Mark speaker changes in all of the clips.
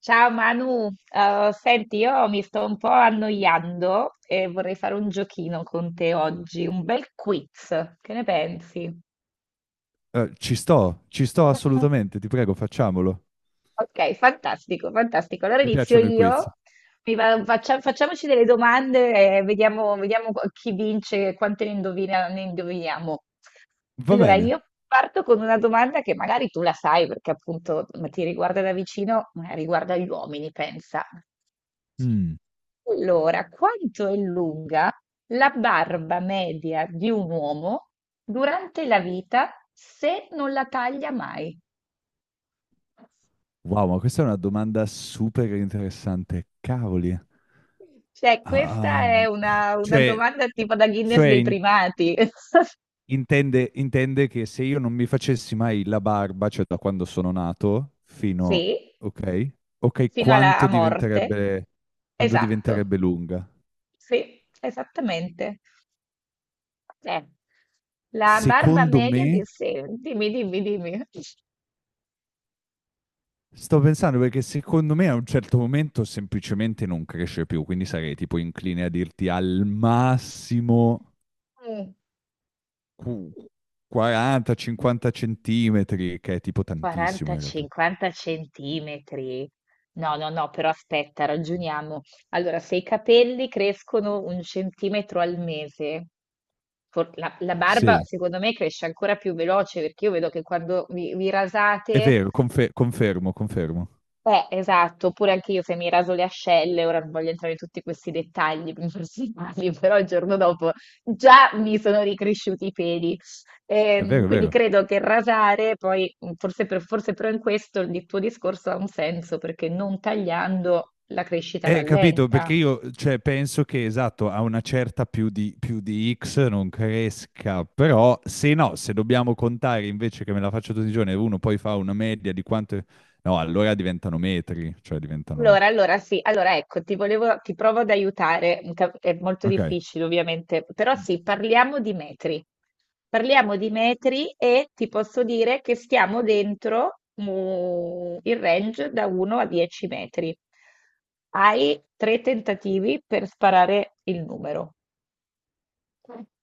Speaker 1: Ciao Manu. Senti, io mi sto un po' annoiando e vorrei fare un giochino con te oggi, un bel quiz. Che ne pensi?
Speaker 2: Ci sto, ci sto assolutamente, ti prego, facciamolo.
Speaker 1: Ok, fantastico, fantastico. Allora
Speaker 2: Mi
Speaker 1: inizio
Speaker 2: piacciono i quiz.
Speaker 1: io. Facciamoci delle domande e vediamo chi vince e quante ne indoviniamo.
Speaker 2: Va
Speaker 1: Allora,
Speaker 2: bene.
Speaker 1: io parto con una domanda che magari tu la sai perché appunto ma ti riguarda da vicino, ma riguarda gli uomini, pensa.
Speaker 2: Mm,
Speaker 1: Allora, quanto è lunga la barba media di un uomo durante la vita se non la taglia mai?
Speaker 2: Wow, ma questa è una domanda super interessante. Cavoli.
Speaker 1: Cioè, questa
Speaker 2: Ah,
Speaker 1: è una
Speaker 2: cioè,
Speaker 1: domanda tipo da Guinness
Speaker 2: cioè
Speaker 1: dei
Speaker 2: in-
Speaker 1: primati.
Speaker 2: intende, intende che se io non mi facessi mai la barba, cioè da quando sono nato, fino...
Speaker 1: Sì,
Speaker 2: Ok, ok,
Speaker 1: fino alla a morte.
Speaker 2: quando
Speaker 1: Esatto,
Speaker 2: diventerebbe lunga?
Speaker 1: sì, esattamente. Eh, la barba
Speaker 2: Secondo
Speaker 1: media di.
Speaker 2: me...
Speaker 1: Sì, dimmi, dimmi, dimmi.
Speaker 2: Sto pensando perché secondo me a un certo momento semplicemente non cresce più, quindi sarei tipo incline a dirti al massimo
Speaker 1: Mm.
Speaker 2: qu- 40-50 centimetri, che è tipo tantissimo
Speaker 1: 40,
Speaker 2: in realtà.
Speaker 1: 50 centimetri. No, no, no, però aspetta, ragioniamo. Allora, se i capelli crescono un centimetro al mese, la barba
Speaker 2: Sì,
Speaker 1: secondo me cresce ancora più veloce perché io vedo che quando vi
Speaker 2: è
Speaker 1: rasate
Speaker 2: vero, confermo, confermo.
Speaker 1: esatto, oppure anche io se mi raso le ascelle, ora non voglio entrare in tutti questi dettagli personali, però il giorno dopo già mi sono ricresciuti i peli.
Speaker 2: È vero, è
Speaker 1: Quindi
Speaker 2: vero.
Speaker 1: credo che rasare, poi forse però in questo il tuo discorso ha un senso, perché non tagliando la crescita
Speaker 2: Capito,
Speaker 1: rallenta.
Speaker 2: perché io, cioè, penso che esatto, a una certa più di X non cresca, però se no, se dobbiamo contare invece che me la faccio tutti i giorni e uno poi fa una media di quanto... No, allora diventano metri, cioè diventano...
Speaker 1: Allora sì, allora ecco, ti provo ad aiutare, è molto
Speaker 2: Ok,
Speaker 1: difficile ovviamente, però sì, parliamo di metri. Parliamo di metri e ti posso dire che stiamo dentro il range da 1 a 10 metri. Hai tre tentativi per sparare il numero.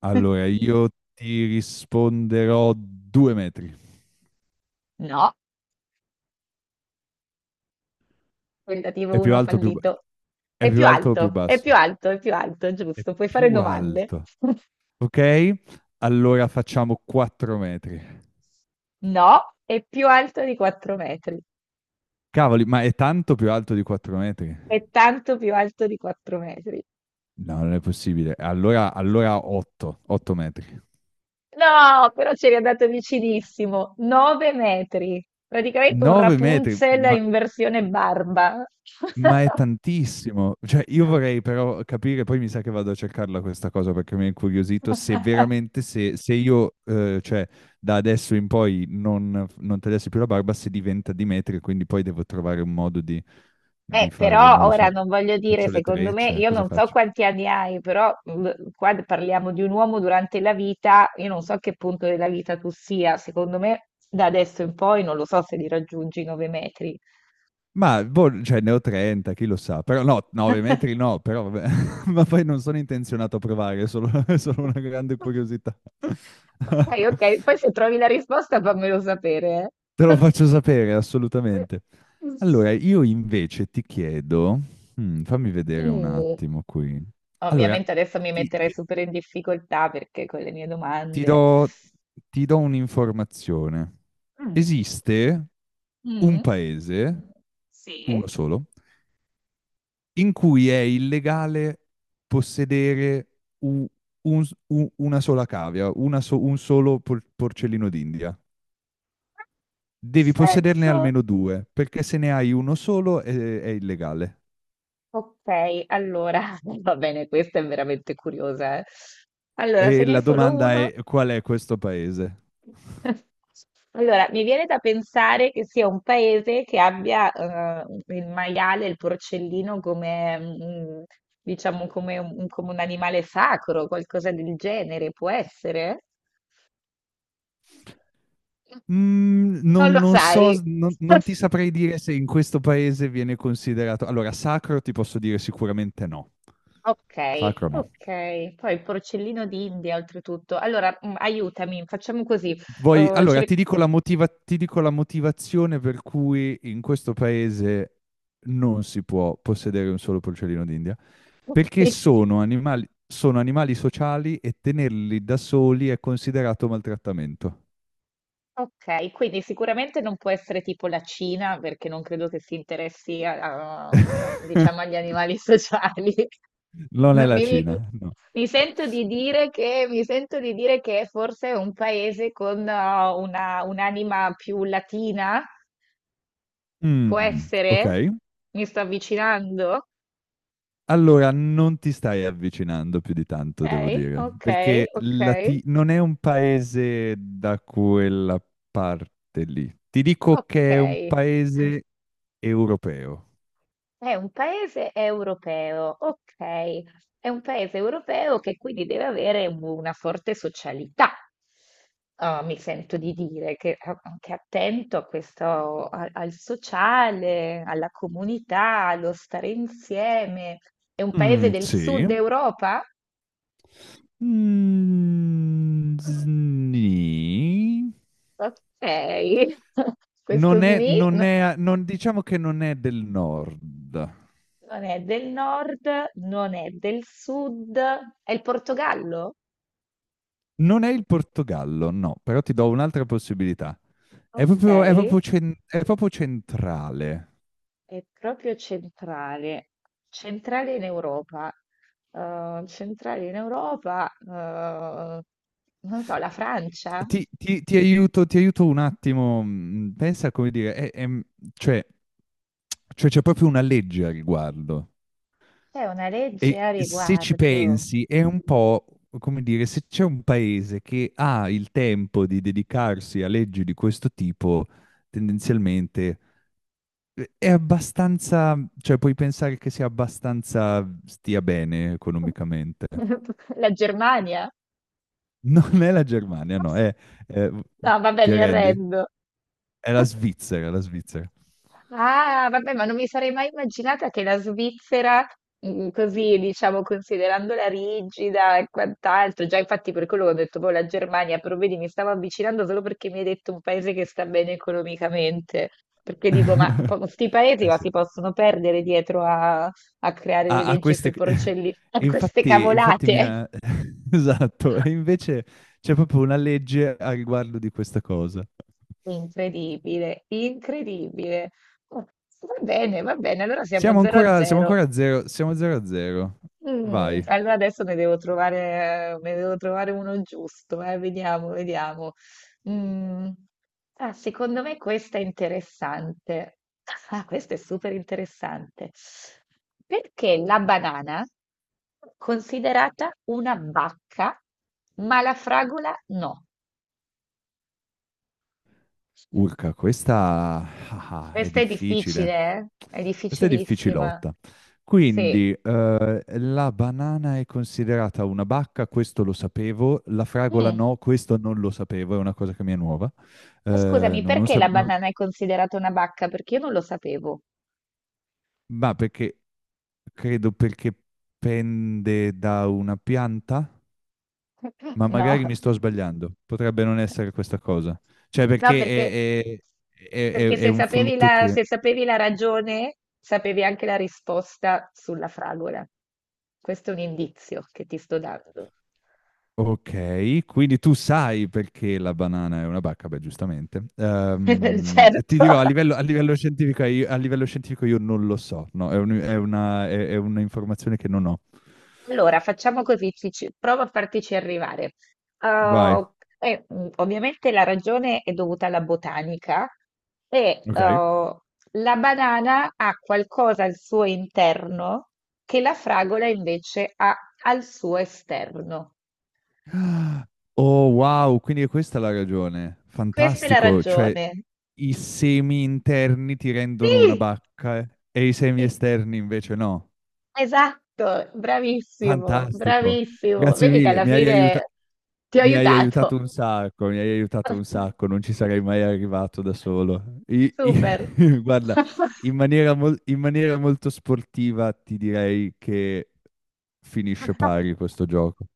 Speaker 2: allora io ti risponderò due metri.
Speaker 1: No, tentativo
Speaker 2: È più
Speaker 1: 1
Speaker 2: alto o più... ba-
Speaker 1: fallito.
Speaker 2: È
Speaker 1: È
Speaker 2: più
Speaker 1: più
Speaker 2: alto o più
Speaker 1: alto, è
Speaker 2: basso?
Speaker 1: più alto, è più alto,
Speaker 2: È
Speaker 1: giusto. Puoi fare
Speaker 2: più
Speaker 1: domande.
Speaker 2: alto. Ok, allora facciamo quattro metri.
Speaker 1: No, è più alto di 4 metri.
Speaker 2: Cavoli, ma è tanto più alto di quattro metri?
Speaker 1: È tanto più alto di 4 metri.
Speaker 2: No, non è possibile. Allora, 8 metri.
Speaker 1: No, però c'eri andato vicinissimo. 9 metri. Praticamente un
Speaker 2: 9 metri,
Speaker 1: Rapunzel in versione barba.
Speaker 2: ma è tantissimo. Cioè, io vorrei però capire, poi mi sa che vado a cercarla questa cosa perché mi ha incuriosito, se veramente, se io, da adesso in poi non tagliassi più la barba, se diventa di metri, quindi poi devo trovare un modo di fare,
Speaker 1: Però
Speaker 2: non lo
Speaker 1: ora
Speaker 2: so,
Speaker 1: non voglio dire,
Speaker 2: faccio le
Speaker 1: secondo me,
Speaker 2: trecce,
Speaker 1: io
Speaker 2: cosa
Speaker 1: non so
Speaker 2: faccio?
Speaker 1: quanti anni hai, però qua parliamo di un uomo durante la vita, io non so a che punto della vita tu sia, secondo me da adesso in poi non lo so se li raggiungi i 9 metri.
Speaker 2: Ma, boh, cioè, ne ho 30, chi lo sa. Però no, 9 metri no, però vabbè. Ma poi non sono intenzionato a provare, è solo, è solo una grande curiosità.
Speaker 1: Ok, ok, poi se trovi la risposta fammelo sapere,
Speaker 2: Te lo
Speaker 1: eh.
Speaker 2: faccio sapere, assolutamente. Allora, io invece ti chiedo, mm, fammi vedere un
Speaker 1: Mm.
Speaker 2: attimo qui. Allora,
Speaker 1: Ovviamente adesso mi
Speaker 2: ti,
Speaker 1: metterei
Speaker 2: ti-
Speaker 1: super in difficoltà perché con le mie
Speaker 2: ti
Speaker 1: domande.
Speaker 2: do, ti do un'informazione.
Speaker 1: Mm.
Speaker 2: Esiste un
Speaker 1: Mm.
Speaker 2: paese, uno
Speaker 1: Sì,
Speaker 2: solo, in cui è illegale possedere u- una sola cavia, un solo porcellino d'India. Devi possederne
Speaker 1: senso.
Speaker 2: almeno due, perché se ne hai uno solo è illegale.
Speaker 1: Ok, allora va bene, questa è veramente curiosa, eh. Allora, se
Speaker 2: E
Speaker 1: ne è
Speaker 2: la
Speaker 1: solo
Speaker 2: domanda
Speaker 1: uno.
Speaker 2: è: qual è questo paese?
Speaker 1: Allora, mi viene da pensare che sia un paese che abbia il maiale, il porcellino come, diciamo, come un animale sacro, qualcosa del genere, può essere? Non lo
Speaker 2: Non so,
Speaker 1: sai.
Speaker 2: non ti saprei dire se in questo paese viene considerato... Allora, sacro ti posso dire sicuramente no.
Speaker 1: Ok,
Speaker 2: Sacro no.
Speaker 1: ok. Poi il porcellino d'India, oltretutto. Allora, aiutami, facciamo così.
Speaker 2: Vuoi- allora,
Speaker 1: Cerchiamo.
Speaker 2: ti dico la motivazione per cui in questo paese non si può possedere un solo porcellino d'India, perché sono animali sociali e tenerli da soli è considerato maltrattamento.
Speaker 1: Ok, quindi sicuramente non può essere tipo la Cina, perché non credo che si interessi diciamo, agli animali sociali.
Speaker 2: Non è
Speaker 1: M-
Speaker 2: la
Speaker 1: Mi, mi-
Speaker 2: Cina, no.
Speaker 1: mi sento di dire che forse è un paese con un'anima più latina, può
Speaker 2: Mm, ok.
Speaker 1: essere? Mi sto avvicinando?
Speaker 2: Allora, non ti stai avvicinando più di tanto, devo
Speaker 1: Ok,
Speaker 2: dire,
Speaker 1: ok,
Speaker 2: perché
Speaker 1: ok,
Speaker 2: Non è un paese da quella parte lì. Ti dico
Speaker 1: ok.
Speaker 2: che è un paese europeo.
Speaker 1: È un paese europeo, ok. È un paese europeo che quindi deve avere una forte socialità. Ah, mi sento di dire che anche attento a questo, al sociale, alla comunità, allo stare insieme. È un paese
Speaker 2: Mm,
Speaker 1: del
Speaker 2: sì.
Speaker 1: sud Europa?
Speaker 2: Mm, sni.
Speaker 1: Ok. Questo
Speaker 2: Non è,
Speaker 1: SMI
Speaker 2: non è, non- diciamo che non è del nord.
Speaker 1: non è del nord, non è del sud, è il Portogallo?
Speaker 2: Non è il Portogallo, no, però ti do un'altra possibilità. È
Speaker 1: Ok.
Speaker 2: proprio, è proprio centrale.
Speaker 1: È proprio centrale, centrale in Europa, eh, centrale in Europa, eh, non so, la Francia.
Speaker 2: Ti aiuto un attimo, pensa, come dire, cioè, cioè c'è proprio una legge a riguardo,
Speaker 1: C'è una legge
Speaker 2: e
Speaker 1: a
Speaker 2: se ci
Speaker 1: riguardo.
Speaker 2: pensi è un po', come dire, se c'è un paese che ha il tempo di dedicarsi a leggi di questo tipo, tendenzialmente è abbastanza, cioè puoi pensare che sia abbastanza, stia bene economicamente.
Speaker 1: La Germania.
Speaker 2: Non è la Germania, no, è-
Speaker 1: No, vabbè,
Speaker 2: ti
Speaker 1: mi
Speaker 2: arrendi?
Speaker 1: arrendo.
Speaker 2: È la Svizzera, è la Svizzera.
Speaker 1: Ah, vabbè, ma non mi sarei mai immaginata che la Svizzera, così diciamo, considerandola rigida e quant'altro, già infatti per quello che ho detto, poi la Germania, però vedi, mi stavo avvicinando solo perché mi hai detto un paese che sta bene economicamente, perché dico, ma questi paesi
Speaker 2: Eh
Speaker 1: ma
Speaker 2: sì.
Speaker 1: si possono perdere dietro a creare le
Speaker 2: Ha ha
Speaker 1: leggi sui
Speaker 2: queste
Speaker 1: porcellini, a
Speaker 2: e
Speaker 1: queste
Speaker 2: infatti mi
Speaker 1: cavolate.
Speaker 2: ha esatto, e invece c'è proprio una legge a riguardo di questa cosa.
Speaker 1: Incredibile, incredibile. Oh, va bene, va bene, allora siamo
Speaker 2: Siamo
Speaker 1: 0 a
Speaker 2: ancora siamo
Speaker 1: 0.
Speaker 2: ancora a 0, siamo 0 a 0. Vai.
Speaker 1: Allora adesso ne devo trovare uno giusto, vediamo, vediamo. Mm, Secondo me questa è interessante. Ah, questa è super interessante. Perché la banana è considerata una bacca, ma la fragola no?
Speaker 2: Urca, questa ah, ah, è
Speaker 1: Questa è
Speaker 2: difficile.
Speaker 1: difficile, eh? È
Speaker 2: Questa è
Speaker 1: difficilissima.
Speaker 2: difficilotta.
Speaker 1: Sì.
Speaker 2: Quindi, la banana è considerata una bacca, questo lo sapevo. La fragola
Speaker 1: Mm,
Speaker 2: no, questo non lo sapevo, è una cosa che mi è nuova. Eh,
Speaker 1: Scusami,
Speaker 2: non, non
Speaker 1: perché
Speaker 2: sa-
Speaker 1: la
Speaker 2: non-
Speaker 1: banana è considerata una bacca? Perché io non lo sapevo.
Speaker 2: ma perché credo perché pende da una pianta, ma
Speaker 1: No,
Speaker 2: magari mi sto sbagliando. Potrebbe non essere questa cosa. Cioè,
Speaker 1: no, perché.
Speaker 2: perché è,
Speaker 1: Perché
Speaker 2: è un frutto che...
Speaker 1: se sapevi la ragione, sapevi anche la risposta sulla fragola. Questo è un indizio che ti sto dando.
Speaker 2: Okay, quindi tu sai perché la banana è una bacca, beh giustamente. Ti
Speaker 1: Certo.
Speaker 2: dirò a livello, a livello scientifico i a livello scientifico io non lo so, no, è un è una è un'informazione che non ho.
Speaker 1: Allora, facciamo così, provo a fartici arrivare.
Speaker 2: Vai,
Speaker 1: Uh, Ovviamente la ragione è dovuta alla botanica e
Speaker 2: okay.
Speaker 1: la banana ha qualcosa al suo interno che la fragola invece ha al suo esterno.
Speaker 2: Ah, oh wow, quindi è questa la ragione.
Speaker 1: Questa è la
Speaker 2: Fantastico, cioè
Speaker 1: ragione.
Speaker 2: i semi interni ti rendono una
Speaker 1: Sì,
Speaker 2: bacca, e i semi
Speaker 1: sì,
Speaker 2: esterni invece no.
Speaker 1: esatto, bravissimo,
Speaker 2: Fantastico,
Speaker 1: bravissimo.
Speaker 2: grazie
Speaker 1: Vedi che
Speaker 2: mille,
Speaker 1: alla
Speaker 2: mi hai aiuta
Speaker 1: fine ti ho
Speaker 2: mi hai
Speaker 1: aiutato.
Speaker 2: aiutato un sacco, mi hai aiutato un sacco, non ci sarei mai arrivato da solo.
Speaker 1: Super.
Speaker 2: Guarda, in maniera molto sportiva ti direi che finisce pari questo gioco.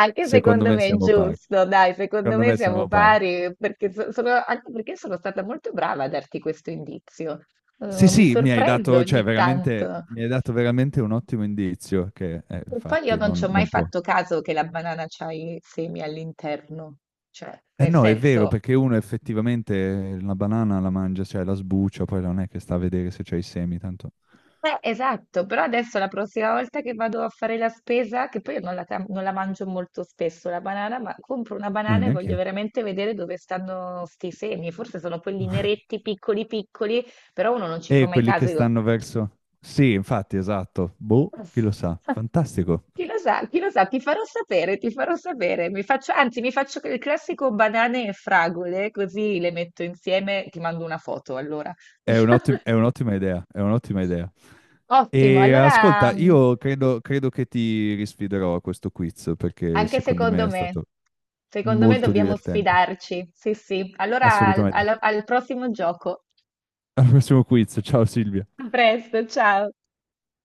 Speaker 1: Anche
Speaker 2: Secondo
Speaker 1: secondo
Speaker 2: me
Speaker 1: me è
Speaker 2: siamo pari.
Speaker 1: giusto, dai, secondo
Speaker 2: Secondo
Speaker 1: me
Speaker 2: me
Speaker 1: siamo
Speaker 2: siamo pari.
Speaker 1: pari, perché sono, anche perché sono stata molto brava a darti questo indizio.
Speaker 2: Sì,
Speaker 1: Mi
Speaker 2: sì, mi hai
Speaker 1: sorprendo
Speaker 2: dato, cioè,
Speaker 1: ogni
Speaker 2: veramente,
Speaker 1: tanto.
Speaker 2: mi hai dato veramente un ottimo indizio che,
Speaker 1: E poi io
Speaker 2: infatti,
Speaker 1: non ci ho mai
Speaker 2: non può.
Speaker 1: fatto caso che la banana c'ha i semi all'interno, cioè,
Speaker 2: Eh
Speaker 1: nel
Speaker 2: no, è vero,
Speaker 1: senso.
Speaker 2: perché uno effettivamente la banana la mangia, cioè la sbuccia, poi non è che sta a vedere se c'è i semi, tanto
Speaker 1: Esatto, però adesso la prossima volta che vado a fare la spesa, che poi io non la mangio molto spesso la banana, ma compro una
Speaker 2: non
Speaker 1: banana e
Speaker 2: neanche
Speaker 1: voglio
Speaker 2: io.
Speaker 1: veramente vedere dove stanno sti semi. Forse sono quelli neretti, piccoli piccoli, però uno non ci fa
Speaker 2: E
Speaker 1: mai
Speaker 2: quelli che
Speaker 1: caso. Io
Speaker 2: stanno verso... Sì, infatti, esatto. Boh, chi lo sa.
Speaker 1: dico.
Speaker 2: Fantastico.
Speaker 1: Chi lo sa, ti farò sapere, ti farò sapere. Mi faccio, anzi, mi faccio il classico banane e fragole, così le metto insieme, ti mando una foto allora.
Speaker 2: È un'ottima idea, è un'ottima idea.
Speaker 1: Ottimo,
Speaker 2: E
Speaker 1: allora
Speaker 2: ascolta,
Speaker 1: mm,
Speaker 2: io credo, credo che ti risfiderò a questo quiz, perché
Speaker 1: Anche
Speaker 2: secondo me
Speaker 1: secondo
Speaker 2: è
Speaker 1: me.
Speaker 2: stato
Speaker 1: Secondo me
Speaker 2: molto
Speaker 1: dobbiamo
Speaker 2: divertente.
Speaker 1: sfidarci. Sì, sì. Allora al
Speaker 2: Assolutamente.
Speaker 1: al- al prossimo gioco.
Speaker 2: Al prossimo quiz. Ciao Silvia.
Speaker 1: A presto, ciao.